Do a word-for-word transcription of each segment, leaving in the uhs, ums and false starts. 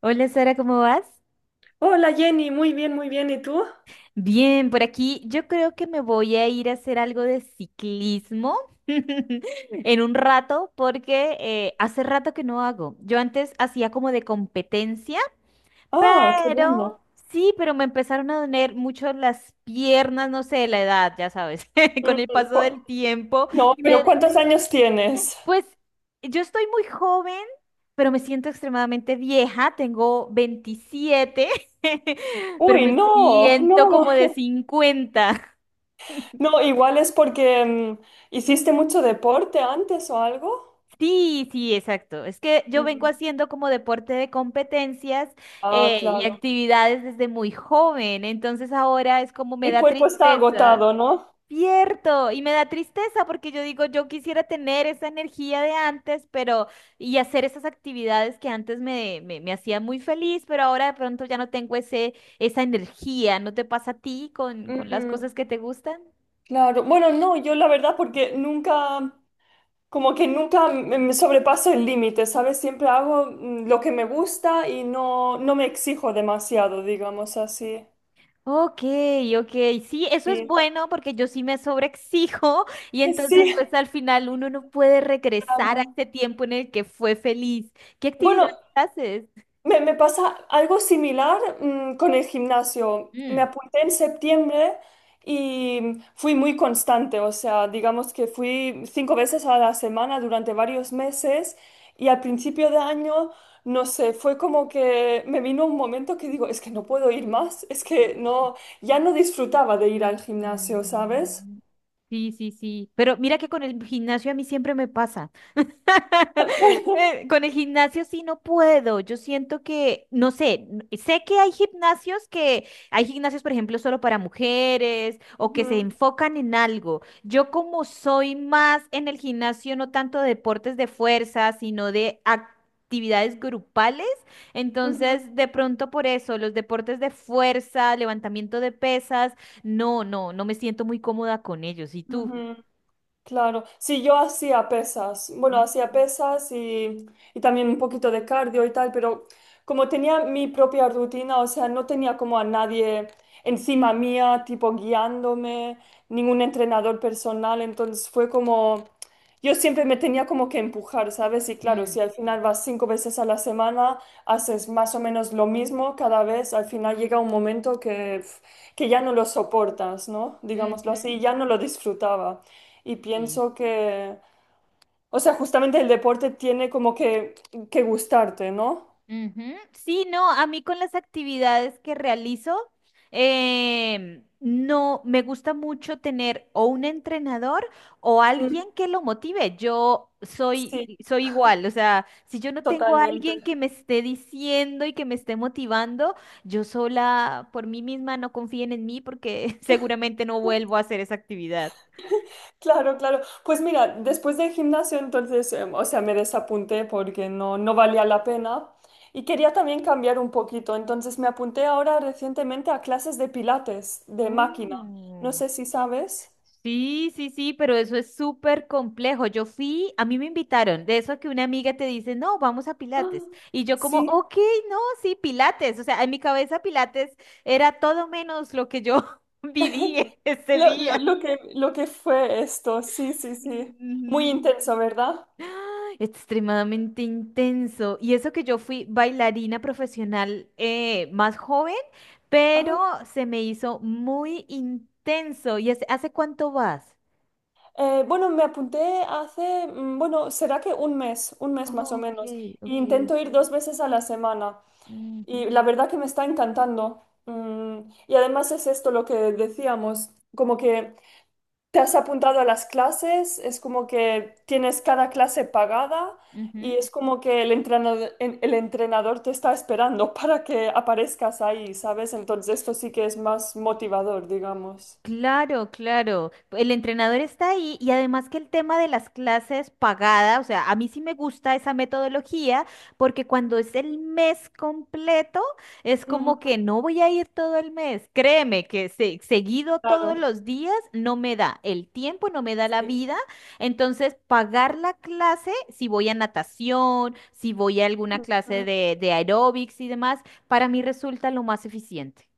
Hola Sara, ¿cómo vas? Hola Jenny, muy bien, muy bien. ¿Y tú? Bien, por aquí yo creo que me voy a ir a hacer algo de ciclismo en un rato porque eh, hace rato que no hago. Yo antes hacía como de competencia, Ah, qué pero bueno. sí, pero me empezaron a doler mucho las piernas, no sé, la edad, ya sabes, con Mm, el paso Cu- del tiempo. No, Y me pero ¿cuántos años tienes? Pues yo estoy muy joven, pero me siento extremadamente vieja. Tengo veintisiete, pero Uy, me no, siento como no. de cincuenta. No, igual es porque mm, hiciste mucho deporte antes o algo. Sí, sí, exacto. Es que yo vengo mm, haciendo como deporte de competencias Ah, eh, y claro. actividades desde muy joven, entonces ahora es como me El da cuerpo está tristeza. agotado, ¿no? Cierto, y me da tristeza porque yo digo, yo quisiera tener esa energía de antes, pero y hacer esas actividades que antes me, me, me hacían muy feliz, pero ahora de pronto ya no tengo ese, esa energía. ¿No te pasa a ti con, con las Mm. cosas que te gustan? Claro. Bueno, no, yo la verdad porque nunca, como que nunca me me sobrepaso el límite, ¿sabes? Siempre hago mm, lo que me gusta y no, no me exijo demasiado, digamos así. Ok, ok, sí, eso es Sí. bueno porque yo sí me sobreexijo y entonces Sí. pues al final uno no puede regresar a Amo. ese tiempo en el que fue feliz. ¿Qué Bueno, actividades haces? me, me pasa algo similar mm, con el gimnasio. Me Mm. apunté en septiembre y fui muy constante, o sea, digamos que fui cinco veces a la semana durante varios meses y al principio de año, no sé, fue como que me vino un momento que digo, es que no puedo ir más, es que no, ya no disfrutaba de ir al gimnasio, ¿sabes? Mm. Sí, sí, sí. Pero mira que con el gimnasio a mí siempre me pasa. Bueno. Eh, Con el gimnasio sí no puedo. Yo siento que, no sé, n- sé que hay gimnasios que, hay gimnasios, por ejemplo, solo para mujeres o que se Ujú, enfocan en algo. Yo como soy más en el gimnasio, no tanto de deportes de fuerza, sino de actividades grupales, ujú, entonces de pronto por eso, los deportes de fuerza, levantamiento de pesas, no, no, no me siento muy cómoda con ellos. ¿Y tú? ujú. Claro, sí, yo hacía pesas, bueno, Mm, hacía pesas y, y también un poquito de cardio y tal, pero como tenía mi propia rutina, o sea, no tenía como a nadie encima mía, tipo guiándome, ningún entrenador personal, entonces fue como, yo siempre me tenía como que empujar, ¿sabes? Y claro, mm, si al final vas cinco veces a la semana, haces más o menos lo mismo cada vez, al final llega un momento que, que, ya no lo soportas, ¿no? Digámoslo ujú, así, ya no lo disfrutaba. Y sí. pienso que, o sea, justamente el deporte tiene como que, que gustarte, ¿no? Ujú. Sí, no, a mí con las actividades que realizo, em, no me gusta mucho tener o un entrenador o Mm. alguien que lo motive. Yo soy, Sí, soy igual, o sea, si yo no tengo a totalmente. alguien que me esté diciendo y que me esté motivando, yo sola por mí misma no confíen en mí porque seguramente no vuelvo a hacer esa actividad. Claro, claro. Pues mira, después del gimnasio, entonces, em, o sea, me desapunté porque no, no valía la pena. Y quería también cambiar un poquito. Entonces me apunté ahora recientemente a clases de Pilates, de máquina. No Mm. sé si sabes. Sí, sí, sí, pero eso es súper complejo. Yo fui, a mí me invitaron, de eso que una amiga te dice, no, vamos a Ah, Pilates. Y yo como, sí. ok, no, sí, Pilates. O sea, en mi cabeza Pilates era todo menos lo que yo viví ese Lo, lo- día. lo que, lo que fue esto, sí, sí, sí. Ujú. Muy intenso, ¿verdad? Extremadamente intenso. Y eso que yo fui bailarina profesional eh, más joven, pero Ah. se me hizo muy intenso. ¿Y hace, hace cuánto vas? Eh, bueno, me apunté hace, mm, bueno, será que un mes, un mes Oh, más o menos. ok, Y ok. intento ir dos veces a la semana. Y Ujú. la verdad que me está encantando. Mm, y además es esto lo que decíamos, como que te has apuntado a las clases, es como que tienes cada clase pagada y Ujú. es como que el entrenador, el entrenador te está esperando para que aparezcas ahí, ¿sabes? Entonces esto sí que es más motivador, digamos. Claro, claro. El entrenador está ahí y además que el tema de las clases pagadas, o sea, a mí sí me gusta esa metodología porque cuando es el mes completo, es Ujú. como que no voy a ir todo el mes. Créeme que se- seguido todos Claro. los días no me da el tiempo, no me da la vida. Entonces, pagar la clase, si voy a natación, si voy a alguna Sí. clase de, de aeróbics y demás, para mí resulta lo más eficiente.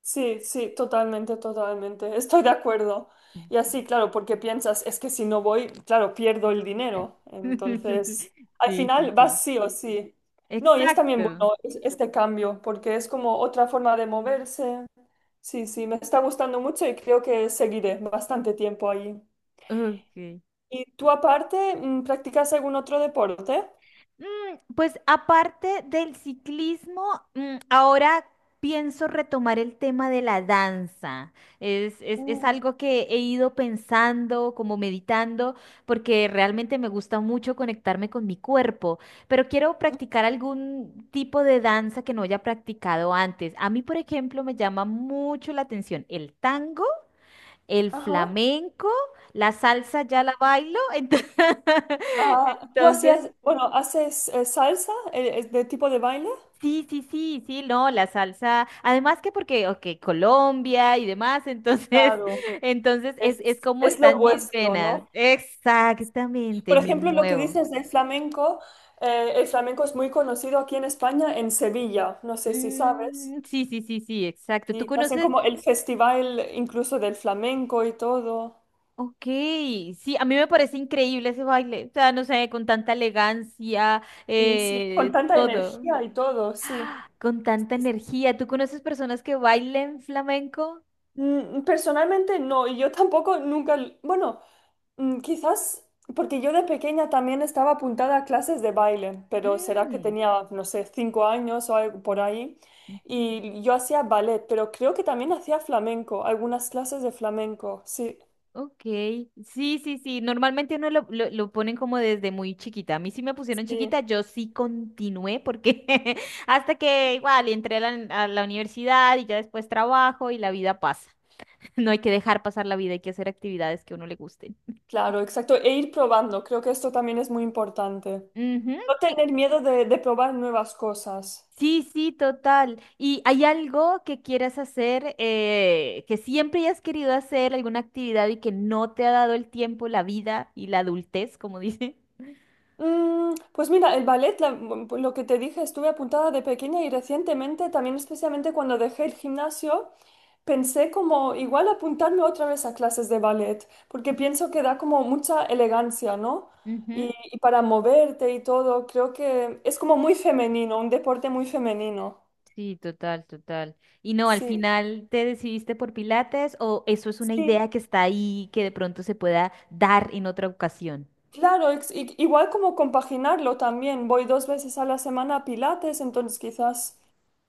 Sí, sí, totalmente, totalmente. Estoy de acuerdo. Y así, claro, porque piensas, es que si no voy, claro, pierdo el dinero. Entonces, al Sí, sí, final sí. vas sí o sí. No, y es también Exacto. bueno es- este cambio, porque es como otra forma de moverse. Sí, sí, me está gustando mucho y creo que seguiré bastante tiempo ahí. Ok. ¿Y tú aparte, mm, practicas algún otro deporte? Mm, pues aparte del ciclismo, mm, ahora pienso retomar el tema de la danza. Es, es, es Mm. algo que he ido pensando, como meditando, porque realmente me gusta mucho conectarme con mi cuerpo, pero quiero practicar algún tipo de danza que no haya practicado antes. A mí, por ejemplo, me llama mucho la atención el tango, el Ajá. flamenco, la salsa ya la bailo, entonces, Ah, ¿tú hacías, entonces bueno, haces eh, salsa, eh, eh, de tipo de baile? sí, sí, sí, sí, no, la salsa, además que porque, ok, Colombia y demás, entonces, Claro. entonces es, Es, es como es lo están mis vuestro, venas, ¿no? exactamente, Por me ejemplo, lo que muevo. dices del flamenco, eh, el flamenco es muy conocido aquí en España, en Sevilla, no sé si sabes. Mm, sí, sí, sí, sí, exacto. ¿Tú Y hacen conoces? como el festival incluso del flamenco y todo. Ok, sí, a mí me parece increíble ese baile, o sea, no sé, con tanta elegancia, Y sí, con eh, tanta todo. energía y todo, sí. Con tanta energía. ¿Tú conoces personas que bailen flamenco? Mm, Personalmente no, y yo tampoco nunca, l- bueno, mm, quizás porque yo de pequeña también estaba apuntada a clases de baile, pero será que Mm, tenía, no sé, cinco años o algo por ahí, ujú, y yo hacía ballet, pero creo que también hacía flamenco, algunas clases de flamenco, sí, ok. Sí, sí, sí. Normalmente uno lo, lo, lo ponen como desde muy chiquita. A mí sí me pusieron sí, chiquita, yo sí continué porque hasta que igual entré a la, a la universidad y ya después trabajo y la vida pasa. No hay que dejar pasar la vida, hay que hacer actividades que a uno le gusten. claro, exacto, e ir probando, creo que esto también es muy importante. Ujú. No ¿Qué, tener miedo de, de probar nuevas cosas. sí, sí, total. ¿Y hay algo que quieras hacer, eh, que siempre hayas querido hacer, alguna actividad y que no te ha dado el tiempo, la vida y la adultez, como dice? Mm, Pues mira, el ballet, la- mm, lo que te dije, estuve apuntada de pequeña y recientemente, también especialmente cuando dejé el gimnasio, pensé como igual apuntarme otra vez a clases de ballet, porque pienso que da como mucha elegancia, ¿no? Ujú, Y, y para moverte y todo, creo que es como muy femenino, un deporte muy femenino. sí, total, total. Y no, al Sí, final te decidiste por Pilates o eso es una sí. idea que está ahí que de pronto se pueda dar en otra ocasión. Claro, ex- i- igual como compaginarlo también. Voy dos veces a la semana a Pilates, entonces quizás,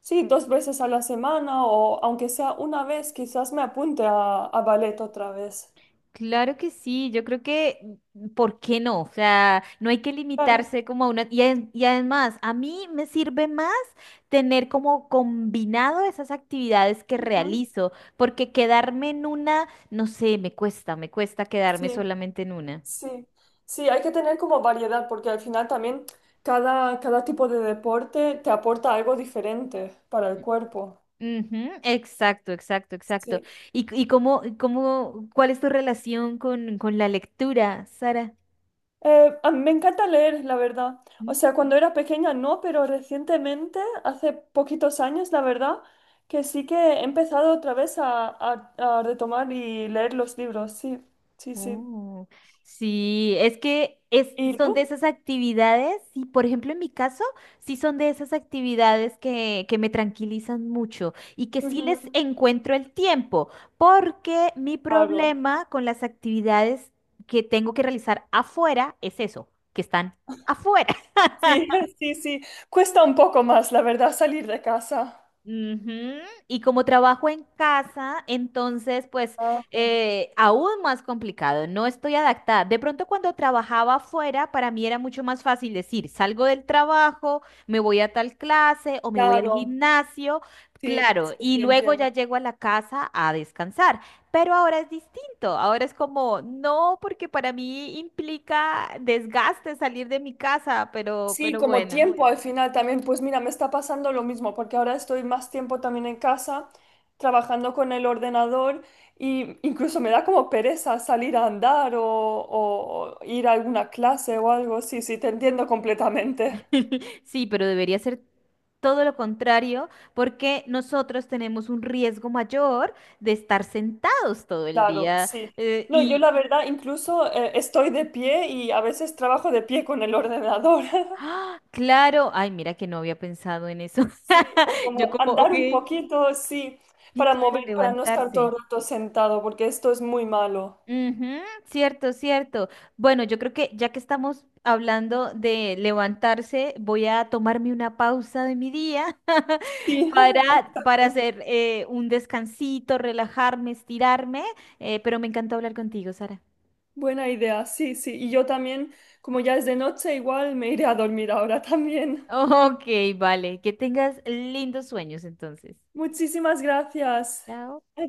sí, dos veces a la semana o aunque sea una vez, quizás me apunte a, a ballet otra vez. Claro que sí, yo creo que, ¿por qué no? O sea, no hay que Claro. limitarse como a una... Y, ad- y además, a mí me sirve más tener como combinado esas actividades que Ujú. realizo, porque quedarme en una, no sé, me cuesta, me cuesta quedarme Sí, solamente en una. sí. Sí, hay que tener como variedad porque al final también cada, cada tipo de deporte te aporta algo diferente para el cuerpo. Ujú, exacto, exacto, exacto. Sí. ¿Y, c- y cómo, cómo, cuál es tu relación con, con la lectura, Sara? Eh, a mí me encanta leer, la verdad. O ¿Mm? sea, cuando era pequeña no, pero recientemente, hace poquitos años, la verdad, que sí que he empezado otra vez a, a- a retomar y leer los libros. Sí, sí, sí. Oh, sí, es que es, ¿Y son de tú? esas actividades, y por ejemplo en mi caso, sí son de esas actividades que, que me tranquilizan mucho y que sí Ujú. les encuentro el tiempo, porque mi Claro. problema con las actividades que tengo que realizar afuera es eso, que están afuera. Sí, sí, sí. Cuesta un poco más, la verdad, salir de casa. Ujú, y como trabajo en casa, entonces, pues, Ah, eh, aún más complicado, no estoy adaptada. De pronto, cuando trabajaba afuera, para mí era mucho más fácil decir, salgo del trabajo, me voy a tal clase o me voy al claro. gimnasio, Sí, claro, sí, y sí, luego ya entiendo. llego a la casa a descansar. Pero ahora es distinto, ahora es como, no, porque para mí implica desgaste salir de mi casa, pero, Sí, pero como bueno. tiempo al final también, pues mira, me está pasando lo mismo, porque ahora estoy más tiempo también en casa, trabajando con el ordenador, y incluso me da como pereza salir a andar o, o ir a alguna clase o algo. Sí, sí, te entiendo completamente. Sí, pero debería ser todo lo contrario, porque nosotros tenemos un riesgo mayor de estar sentados todo el Claro, día. sí. eh, No, yo y, la verdad incluso eh, estoy de pie y a veces trabajo de pie con el ordenador. ¡ah! Claro, ay, mira que no había pensado en eso. Sí, o Yo como como, ok, andar un sí, poquito, sí, para claro, mover, para no estar levantarse. todo el rato sentado, porque esto es muy malo. Ujú, cierto, cierto. Bueno, yo creo que ya que estamos hablando de levantarse, voy a tomarme una pausa de mi día Sí, para, para exacto. hacer eh, un descansito, relajarme, estirarme, eh, pero me encantó hablar contigo, Sara. Buena idea, sí, sí. Y yo también, como ya es de noche, igual me iré a dormir ahora también. Ok, vale. Que tengas lindos sueños entonces. Muchísimas gracias. Chao.